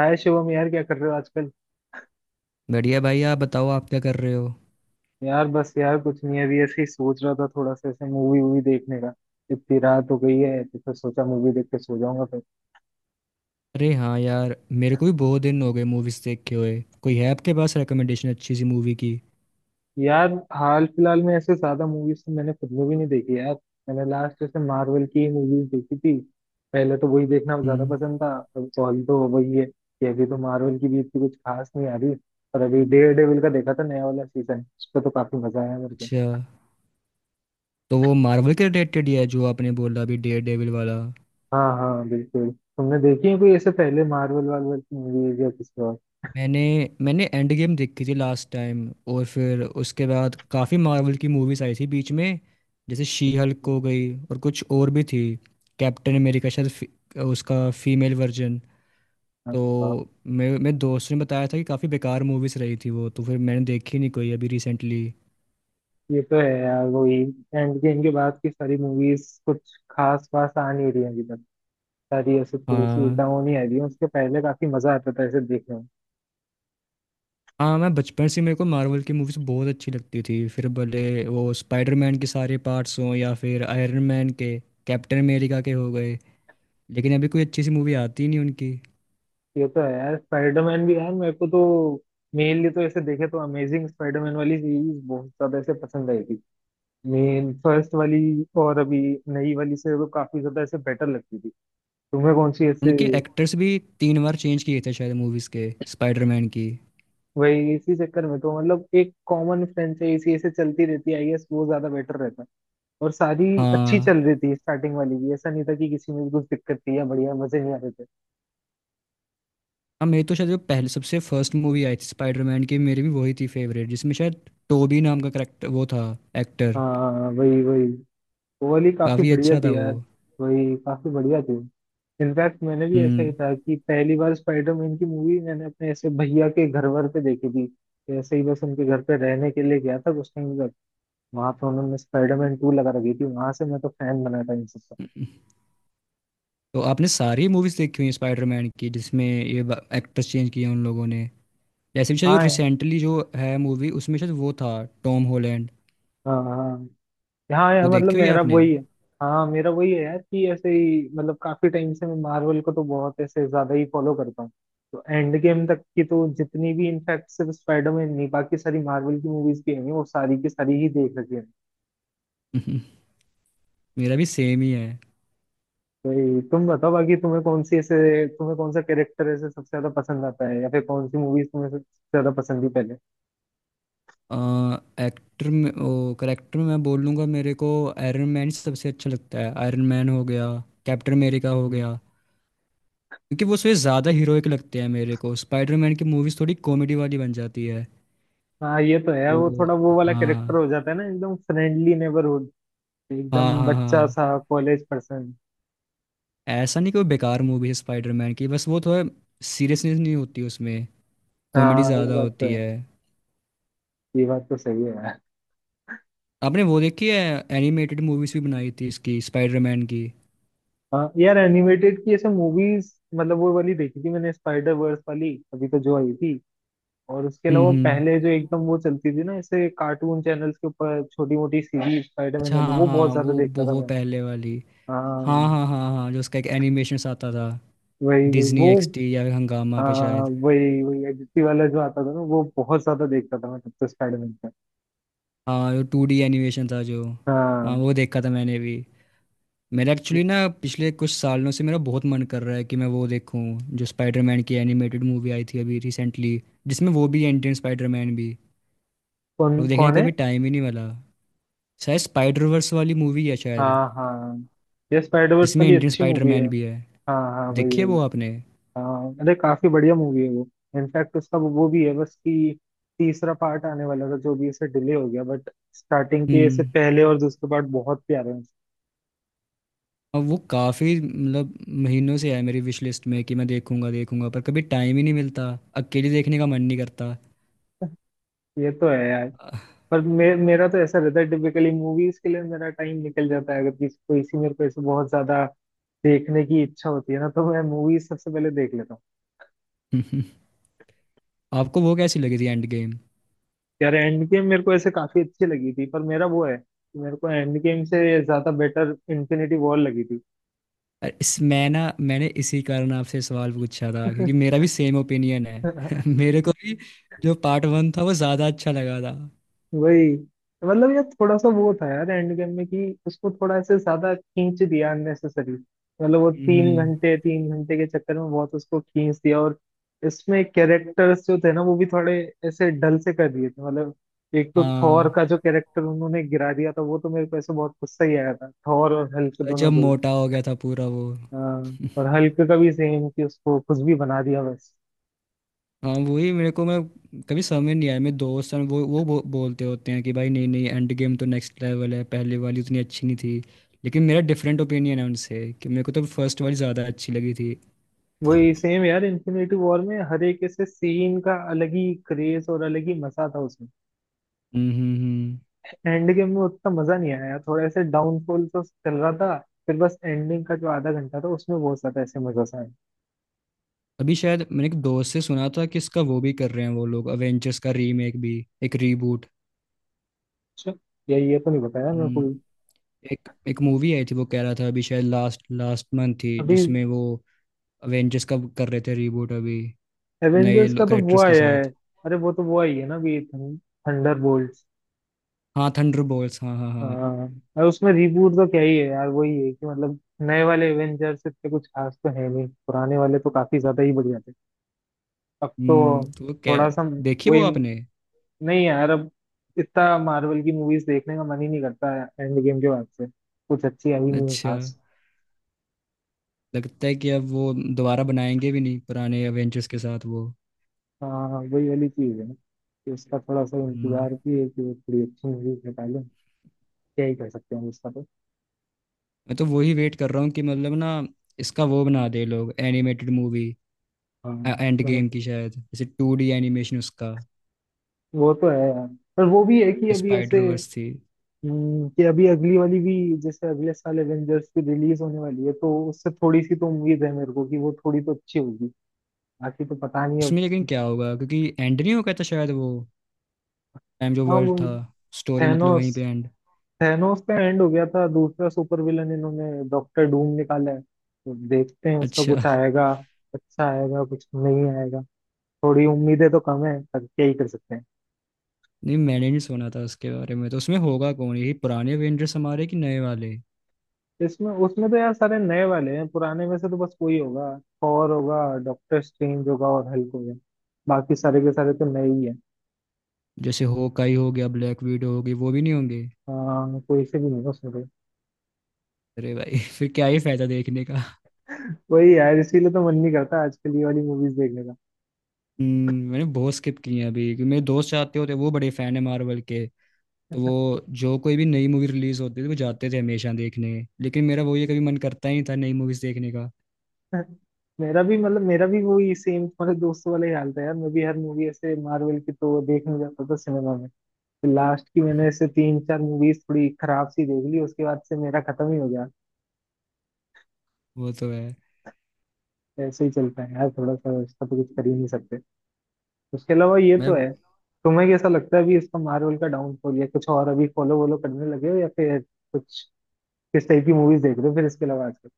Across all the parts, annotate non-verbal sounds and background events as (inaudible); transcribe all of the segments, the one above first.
हाय शिवम। यार क्या कर रहे हो आजकल। बढ़िया भाई। आप बताओ, आप क्या कर रहे हो। यार बस यार कुछ नहीं, अभी ऐसे ही सोच रहा था थोड़ा सा ऐसे मूवी वूवी देखने का। इतनी रात हो गई है तो फिर सोचा मूवी देख के सो जाऊंगा फिर। अरे हाँ यार, मेरे को भी बहुत दिन हो गए मूवीज़ देखे हुए। कोई है आपके पास रिकमेंडेशन अच्छी सी मूवी की? यार हाल फिलहाल में ऐसे ज्यादा मूवीज तो मैंने खुद में भी नहीं देखी यार। मैंने लास्ट ऐसे मार्वल की ही मूवीज देखी थी। पहले तो वही देखना ज्यादा हम्म। पसंद था। अब ऑल तो वही है कि अभी तो मार्वल की भी इतनी कुछ खास नहीं आ रही। और अभी डेयर डेविल का देखा था नया वाला सीजन, उस पर तो काफी मजा आया मेरे को। अच्छा, तो वो मार्वल के रिलेटेड ही है जो आपने बोला अभी डेयर डेविल वाला। हाँ हाँ बिल्कुल। तुमने देखी है कोई ऐसे पहले मार्वल वार्वल की मूवीज या किसी और मैंने मैंने एंड गेम देखी थी लास्ट टाइम, और फिर उसके बाद काफ़ी मार्वल की मूवीज़ आई थी बीच में। जैसे शी हल्क की? हो गई और कुछ और भी थी। कैप्टन अमेरिका शायद उसका फीमेल वर्जन। हाँ। हाँ, तो मेरे मेरे दोस्त ने बताया था कि काफ़ी बेकार मूवीज़ रही थी वो, तो फिर मैंने देखी नहीं कोई अभी रिसेंटली। ये तो है यार वही। एंड गेम के बाद की सारी मूवीज कुछ खास वास आ नहीं रही है अभी तक। सारी ऐसे थोड़ी सी हाँ डाउन ही आ रही है, उसके पहले काफी मजा आता था ऐसे देखने में। हाँ, मैं बचपन से, मेरे को मार्वल की मूवीज़ बहुत अच्छी लगती थी। फिर भले वो स्पाइडरमैन के सारे पार्ट्स हों या फिर आयरन मैन के, कैप्टन अमेरिका के हो गए। लेकिन अभी कोई अच्छी सी मूवी आती ही नहीं उनकी। ये तो है यार, स्पाइडरमैन भी यार मेरे को तो मेनली तो ऐसे देखे तो अमेजिंग स्पाइडरमैन वाली सीरीज बहुत ज्यादा ऐसे पसंद आई थी। मेन फर्स्ट वाली और अभी नई वाली से तो काफी ज्यादा ऐसे बेटर लगती थी। तुम्हें कौन सी ऐसे। उनके एक्टर्स भी तीन बार चेंज किए थे शायद मूवीज़ के स्पाइडरमैन की। वही इसी चक्कर में तो मतलब एक कॉमन फ्रेंड से इसी ऐसे चलती रहती है, आई गेस वो ज्यादा बेटर रहता है। और सारी अच्छी हाँ चल रही थी, स्टार्टिंग वाली भी ऐसा नहीं था कि किसी में भी कुछ दिक्कत थी या बढ़िया मजे नहीं आ रहे थे। हाँ, मेरी तो शायद जो पहले सबसे फर्स्ट मूवी आई थी स्पाइडरमैन की, मेरी भी वही थी फेवरेट, जिसमें शायद टोबी नाम का करेक्टर वो था, एक्टर। हाँ वही वही। वो वाली काफी काफी बढ़िया अच्छा था थी वो। यार। वही काफी बढ़िया थी। इनफैक्ट मैंने भी ऐसा ही हम्म। था कि पहली बार स्पाइडरमैन की मूवी मैंने अपने ऐसे भैया के घर वर पे देखी थी। ऐसे ही बस उनके घर पे रहने के लिए गया था कुछ टाइम तक। वहां पे उन्होंने स्पाइडरमैन टू लगा रखी थी, वहां से मैं तो फैन बना था इन सबका। तो आपने सारी मूवीज देखी हुई हैं स्पाइडरमैन की, जिसमें ये एक्टर्स चेंज किए हैं उन लोगों ने। जैसे भी शायद जो हाँ रिसेंटली जो है मूवी, उसमें शायद वो था टॉम हॉलैंड। हाँ हाँ हाँ। यार वो मतलब देखी हुई है मेरा आपने? वही है। हाँ मेरा वही है यार कि ऐसे ही, मतलब काफी टाइम से मैं मार्वल को तो बहुत ऐसे ज्यादा ही फॉलो करता हूँ। तो एंड गेम तक की तो जितनी भी, इनफैक्ट सिर्फ स्पाइडरमैन नहीं बाकी सारी मार्वल की मूवीज भी हैं वो सारी की सारी ही देख रखी है। (laughs) हम्म, मेरा भी सेम ही है। तो ये तुम बताओ बाकी तुम्हें कौन सी ऐसे, तुम्हें कौन सा कैरेक्टर ऐसे सबसे ज्यादा पसंद आता है या फिर कौन सी मूवीज तुम्हें सबसे ज्यादा पसंद थी पहले। एक्टर में ओ करेक्टर में मैं बोल लूँगा, मेरे को आयरन मैन सबसे अच्छा लगता है। आयरन मैन हो गया, कैप्टन अमेरिका हो हम्म। गया। क्योंकि वो उसमें ज़्यादा हीरोइक लगते हैं मेरे को। स्पाइडरमैन की मूवीज़ थोड़ी कॉमेडी वाली बन जाती है। हाँ ये तो है, वो तो थोड़ा वो वाला कैरेक्टर हाँ हो जाता है ना, एकदम फ्रेंडली नेबरहुड, हाँ एकदम हाँ बच्चा हाँ, सा कॉलेज पर्सन। ऐसा नहीं कोई बेकार मूवी है स्पाइडरमैन की, बस वो थोड़ा सीरियसनेस नहीं होती उसमें, कॉमेडी हाँ ये ज़्यादा बात तो होती है। है। ये बात तो सही है यार। आपने वो देखी है, एनिमेटेड मूवीज़ भी बनाई थी इसकी स्पाइडरमैन की? हाँ यार एनिमेटेड की ऐसे मूवीज मतलब वो वाली देखी थी मैंने, स्पाइडर वर्स वाली अभी तो जो आई थी। और उसके अलावा हम्म। पहले जो एकदम वो चलती थी ना ऐसे कार्टून चैनल्स के ऊपर छोटी मोटी सीरीज स्पाइडरमैन अच्छा वाली, हाँ वो बहुत हाँ, ज्यादा वो देखता था बहुत मैं। पहले वाली। हाँ हाँ हाँ हाँ हाँ, जो उसका एक एनिमेशन आता था वही वही डिज्नी वो। एक्सटी या हंगामा पे हाँ शायद। वही वही एडिटी वाला जो आता था ना, वो बहुत ज्यादा देखता था मैं तब तो स्पाइडरमैन का। हाँ, जो टू डी एनिमेशन था जो। हाँ हाँ। वो देखा था मैंने भी। मेरा एक्चुअली ना पिछले कुछ सालों से मेरा बहुत मन कर रहा है कि मैं वो देखूं जो स्पाइडरमैन की एनिमेटेड मूवी आई थी अभी रिसेंटली, जिसमें वो भी एंटी स्पाइडरमैन भी। कौन वो देखने कौन का है। कभी टाइम ही नहीं मिला। शायद स्पाइडर वर्स वाली मूवी है शायद, हाँ हाँ। ये स्पाइडर वर्स जिसमें वाली एंटी अच्छी मूवी है। स्पाइडरमैन भी है। हाँ हाँ वही देखी है वही। वो आपने? हाँ अरे काफी बढ़िया मूवी है वो। इनफैक्ट उसका वो भी है बस कि तीसरा पार्ट आने वाला था जो भी इसे डिले हो गया बट स्टार्टिंग के इससे हम्म। पहले और दूसरे पार्ट बहुत प्यारे हैं। और वो काफ़ी मतलब महीनों से है मेरी विश लिस्ट में कि मैं देखूंगा देखूंगा, पर कभी टाइम ही नहीं मिलता। अकेले देखने का मन नहीं करता। ये तो है यार। पर मेरा तो ऐसा रहता है टिपिकली मूवीज के लिए मेरा टाइम निकल जाता है, अगर किसी कोई सी मेरे को ऐसे बहुत ज्यादा देखने की इच्छा होती है ना तो मैं मूवीज सबसे पहले देख लेता हूँ। (laughs) आपको वो कैसी लगी थी एंड गेम? यार एंड गेम मेरे को ऐसे काफी अच्छी लगी थी पर मेरा वो है कि मेरे को एंड गेम से ज्यादा बेटर इन्फिनिटी वॉर लगी थी। अरे इस, मैं ना मैंने इसी कारण आपसे सवाल पूछा था, क्योंकि मेरा भी सेम ओपिनियन है। (laughs) (laughs) मेरे को भी जो पार्ट वन था वो ज़्यादा अच्छा लगा था। वही। मतलब यार थोड़ा सा वो था यार एंड गेम में कि उसको थोड़ा ऐसे ज्यादा खींच दिया अननेसेसरी, मतलब वो हम्म। तीन घंटे के चक्कर में बहुत उसको खींच दिया। और इसमें कैरेक्टर्स जो थे ना वो भी थोड़े ऐसे डल से कर दिए थे मतलब। एक तो थॉर हाँ, का जो कैरेक्टर उन्होंने गिरा दिया था वो तो मेरे को ऐसे बहुत गुस्सा ही आया था, थॉर और हल्क दोनों जब को ही। मोटा हो गया था पूरा वो। हाँ, और हल्क का भी सेम कि उसको कुछ भी बना दिया बस। हाँ वही मेरे को, मैं कभी समझ नहीं आया। मेरे दोस्त हैं वो, बोलते होते हैं कि भाई नहीं नहीं एंड गेम तो नेक्स्ट लेवल है, पहले वाली उतनी अच्छी नहीं थी। लेकिन मेरा डिफरेंट ओपिनियन है उनसे कि मेरे को तो फर्स्ट वाली ज़्यादा अच्छी लगी थी। वही सेम यार, इन्फिनिटी वॉर में हर एक ऐसे सीन का अलग ही क्रेज और अलग ही मजा था उसमें। हम्म हम्म हम्म। एंड गेम में उतना मजा नहीं आया, थोड़ा ऐसे डाउनफॉल तो चल रहा था। फिर बस एंडिंग का जो आधा घंटा था उसमें बहुत ज्यादा ऐसे मजा सा आया। अभी शायद मैंने एक दोस्त से सुना था कि इसका वो भी कर रहे हैं वो लोग, अवेंजर्स का रीमेक भी, एक रीबूट। अच्छा। या ये तो नहीं बताया मैं हम्म, कोई। एक एक मूवी आई थी, वो कह रहा था अभी शायद लास्ट लास्ट मंथ थी अभी जिसमें वो अवेंजर्स का कर रहे थे रीबूट अभी, नए एवेंजर्स का तो वो करेक्टर्स के आया है। साथ। अरे वो तो वो आई है ना अभी, थंडर बोल्ट। हाँ थंडर बोल्स, हाँ हाँ हाँ। हाँ। और उसमें रिबूट तो क्या ही है यार, वही है कि मतलब नए वाले एवेंजर्स इतने कुछ खास तो है नहीं, पुराने वाले तो काफी ज्यादा ही बढ़िया थे। अब तो हम्म, तो वो क्या, थोड़ा सा देखिए वो वही। आपने? नहीं यार, अब इतना मार्वल की मूवीज देखने का मन ही नहीं करता है एंड गेम के बाद से। कुछ अच्छी आई नहीं है अच्छा, खास। लगता है कि अब वो दोबारा बनाएंगे भी नहीं पुराने अवेंजर्स के साथ वो। हाँ वही वाली चीज है ना कि उसका थोड़ा सा हम्म, इंतजार भी है कि वो थोड़ी अच्छी मूवीज निकालें। क्या ही कर सकते हैं उसका तो। मैं तो वही वेट कर रहा हूँ कि मतलब ना, इसका वो बना दे लोग एनिमेटेड मूवी। हाँ एंड मतलब गेम की शायद जैसे टू डी एनिमेशन उसका, वो तो है यार, पर वो भी है कि अभी ऐसे, स्पाइडर वर्स थी। कि अभी अगली वाली भी, जैसे अगले साल एवेंजर्स की रिलीज होने वाली है तो उससे थोड़ी सी तो उम्मीद है मेरे को कि वो थोड़ी तो अच्छी होगी। बाकी तो पता नहीं अब। उसमें लेकिन क्या होगा, क्योंकि एंड नहीं हो गया था शायद वो टाइम, जो हाँ वर्ल्ड वो, था, स्टोरी मतलब वहीं थैनोस। पे एंड। थैनोस का एंड हो गया था, दूसरा सुपर विलन इन्होंने डॉक्टर डूम निकाला है तो देखते हैं उसका अच्छा, कुछ आएगा। अच्छा आएगा कुछ नहीं आएगा। थोड़ी उम्मीदें तो कम है पर क्या ही कर सकते हैं। नहीं मैंने नहीं सुना था उसके बारे में। तो उसमें होगा कौन, यही पुराने एवेंजर्स हमारे कि नए वाले? इसमें उसमें तो यार सारे नए वाले हैं, पुराने में से तो बस कोई होगा। थॉर होगा, डॉक्टर स्ट्रेंज होगा और हल्क होगा। बाकी सारे के सारे तो नए ही है। जैसे होकाई हो गया, ब्लैक विडो होगी, वो भी नहीं होंगे? हाँ कोई से भी नहीं है उसमें तो। अरे भाई (laughs) फिर क्या ही फायदा देखने का। (laughs) वही यार, इसीलिए तो मन नहीं करता आजकल ये वाली मूवीज देखने का। मैंने बहुत स्किप किए हैं अभी, क्योंकि मेरे दोस्त चाहते होते, वो बड़े फैन है मार्वल के, तो वो जो कोई भी नई मूवी रिलीज होती थी वो जाते थे हमेशा देखने। लेकिन मेरा वो ये कभी मन करता ही नहीं था नई मूवीज देखने का। मेरा भी मतलब मेरा भी वही सेम तुम्हारे दोस्तों वाला ही हाल था यार, मैं भी हर मूवी ऐसे मार्वल की तो देखने जाता था सिनेमा में। लास्ट की मैंने ऐसे तीन चार मूवीज थोड़ी खराब सी देख ली, उसके बाद से मेरा खत्म ही हो गया। वो तो है। ऐसे ही चलता है यार, थोड़ा सा इसका तो कुछ कर ही नहीं सकते। उसके अलावा ये मैं तो है। तुम्हें कैसा लगता है अभी इसका मार्वल का डाउनफॉल, या कुछ और अभी फॉलो वॉलो करने लगे हो या फिर कुछ, किस टाइप की मूवीज देख रहे हो फिर इसके अलावा आजकल।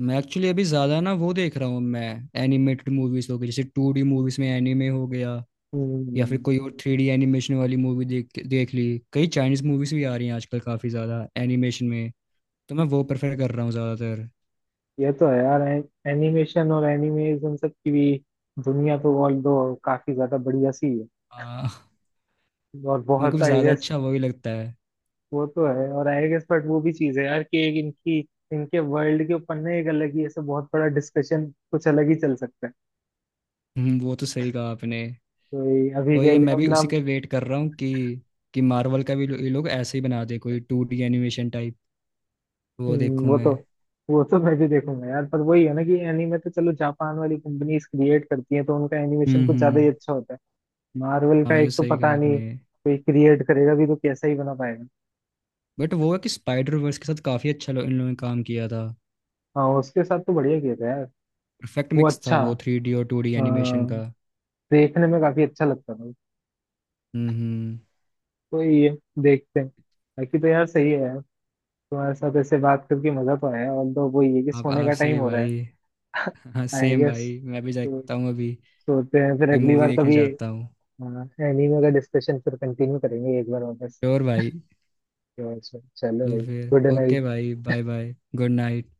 मैं एक्चुअली अभी ज्यादा ना वो देख रहा हूँ मैं, एनिमेटेड मूवीज हो गई, जैसे टू डी मूवीज में एनिमे हो गया, या फिर हम्म। कोई और थ्री डी एनिमेशन वाली मूवी देख देख ली। कई चाइनीज मूवीज भी आ रही हैं आजकल काफी ज्यादा एनिमेशन में, तो मैं वो प्रेफर कर रहा हूँ ज्यादातर। ये तो है यार, एनिमेशन और एनिमेज इन सब की भी दुनिया तो ऑल दो काफी ज्यादा बढ़िया सी है। हाँ, और मेरे को बहुत आई ज्यादा गेस। अच्छा वही लगता है। वो तो है और आई गेस, बट वो भी चीज है यार कि एक इनकी, इनके वर्ल्ड के ऊपर ना एक अलग ही ऐसा बहुत बड़ा डिस्कशन कुछ अलग ही चल सकता है। वो तो सही कहा आपने। तो ये अभी वही के है, लिए मैं अब भी ना। उसी का वेट कर रहा हूँ कि मार्वल का भी ये लोग ऐसे ही बना दे कोई टू डी एनिमेशन टाइप, वो हम्म, देखूँ वो मैं। तो वो तो मैं भी देखूंगा यार, पर वही है ना कि एनीमे तो चलो जापान वाली कंपनीज क्रिएट करती हैं तो उनका एनिमेशन कुछ ज्यादा ही हम्म। अच्छा होता है। मार्वल हाँ का ये एक तो सही पता कहा नहीं आपने। कोई क्रिएट करेगा भी तो कैसा ही बना पाएगा। बट वो है कि स्पाइडर वर्स के साथ काफ़ी अच्छा इन लोगों ने काम किया था। हाँ उसके साथ तो बढ़िया किया था यार। परफेक्ट वो मिक्स था अच्छा। वो थ्री डी और टू डी एनिमेशन हाँ, का। देखने में काफी अच्छा लगता था। हम्म। तो ये, देखते हैं। बाकी तो यार सही है यार, तुम्हारे साथ ऐसे बात करके मजा तो आया और तो वो ये कि आप सोने का आपसे टाइम भी हो रहा है। भाई, हाँ आई सेम गेस भाई, मैं भी तो देखता हूँ अभी सोते हैं फिर, कोई अगली मूवी बार देखने कभी जाता हूँ। एनीमे का डिस्कशन फिर कंटिन्यू करेंगे एक बार वापस। श्योर भाई। तो चलो तो भाई, फिर गुड ओके नाइट। भाई, बाय बाय, गुड नाइट।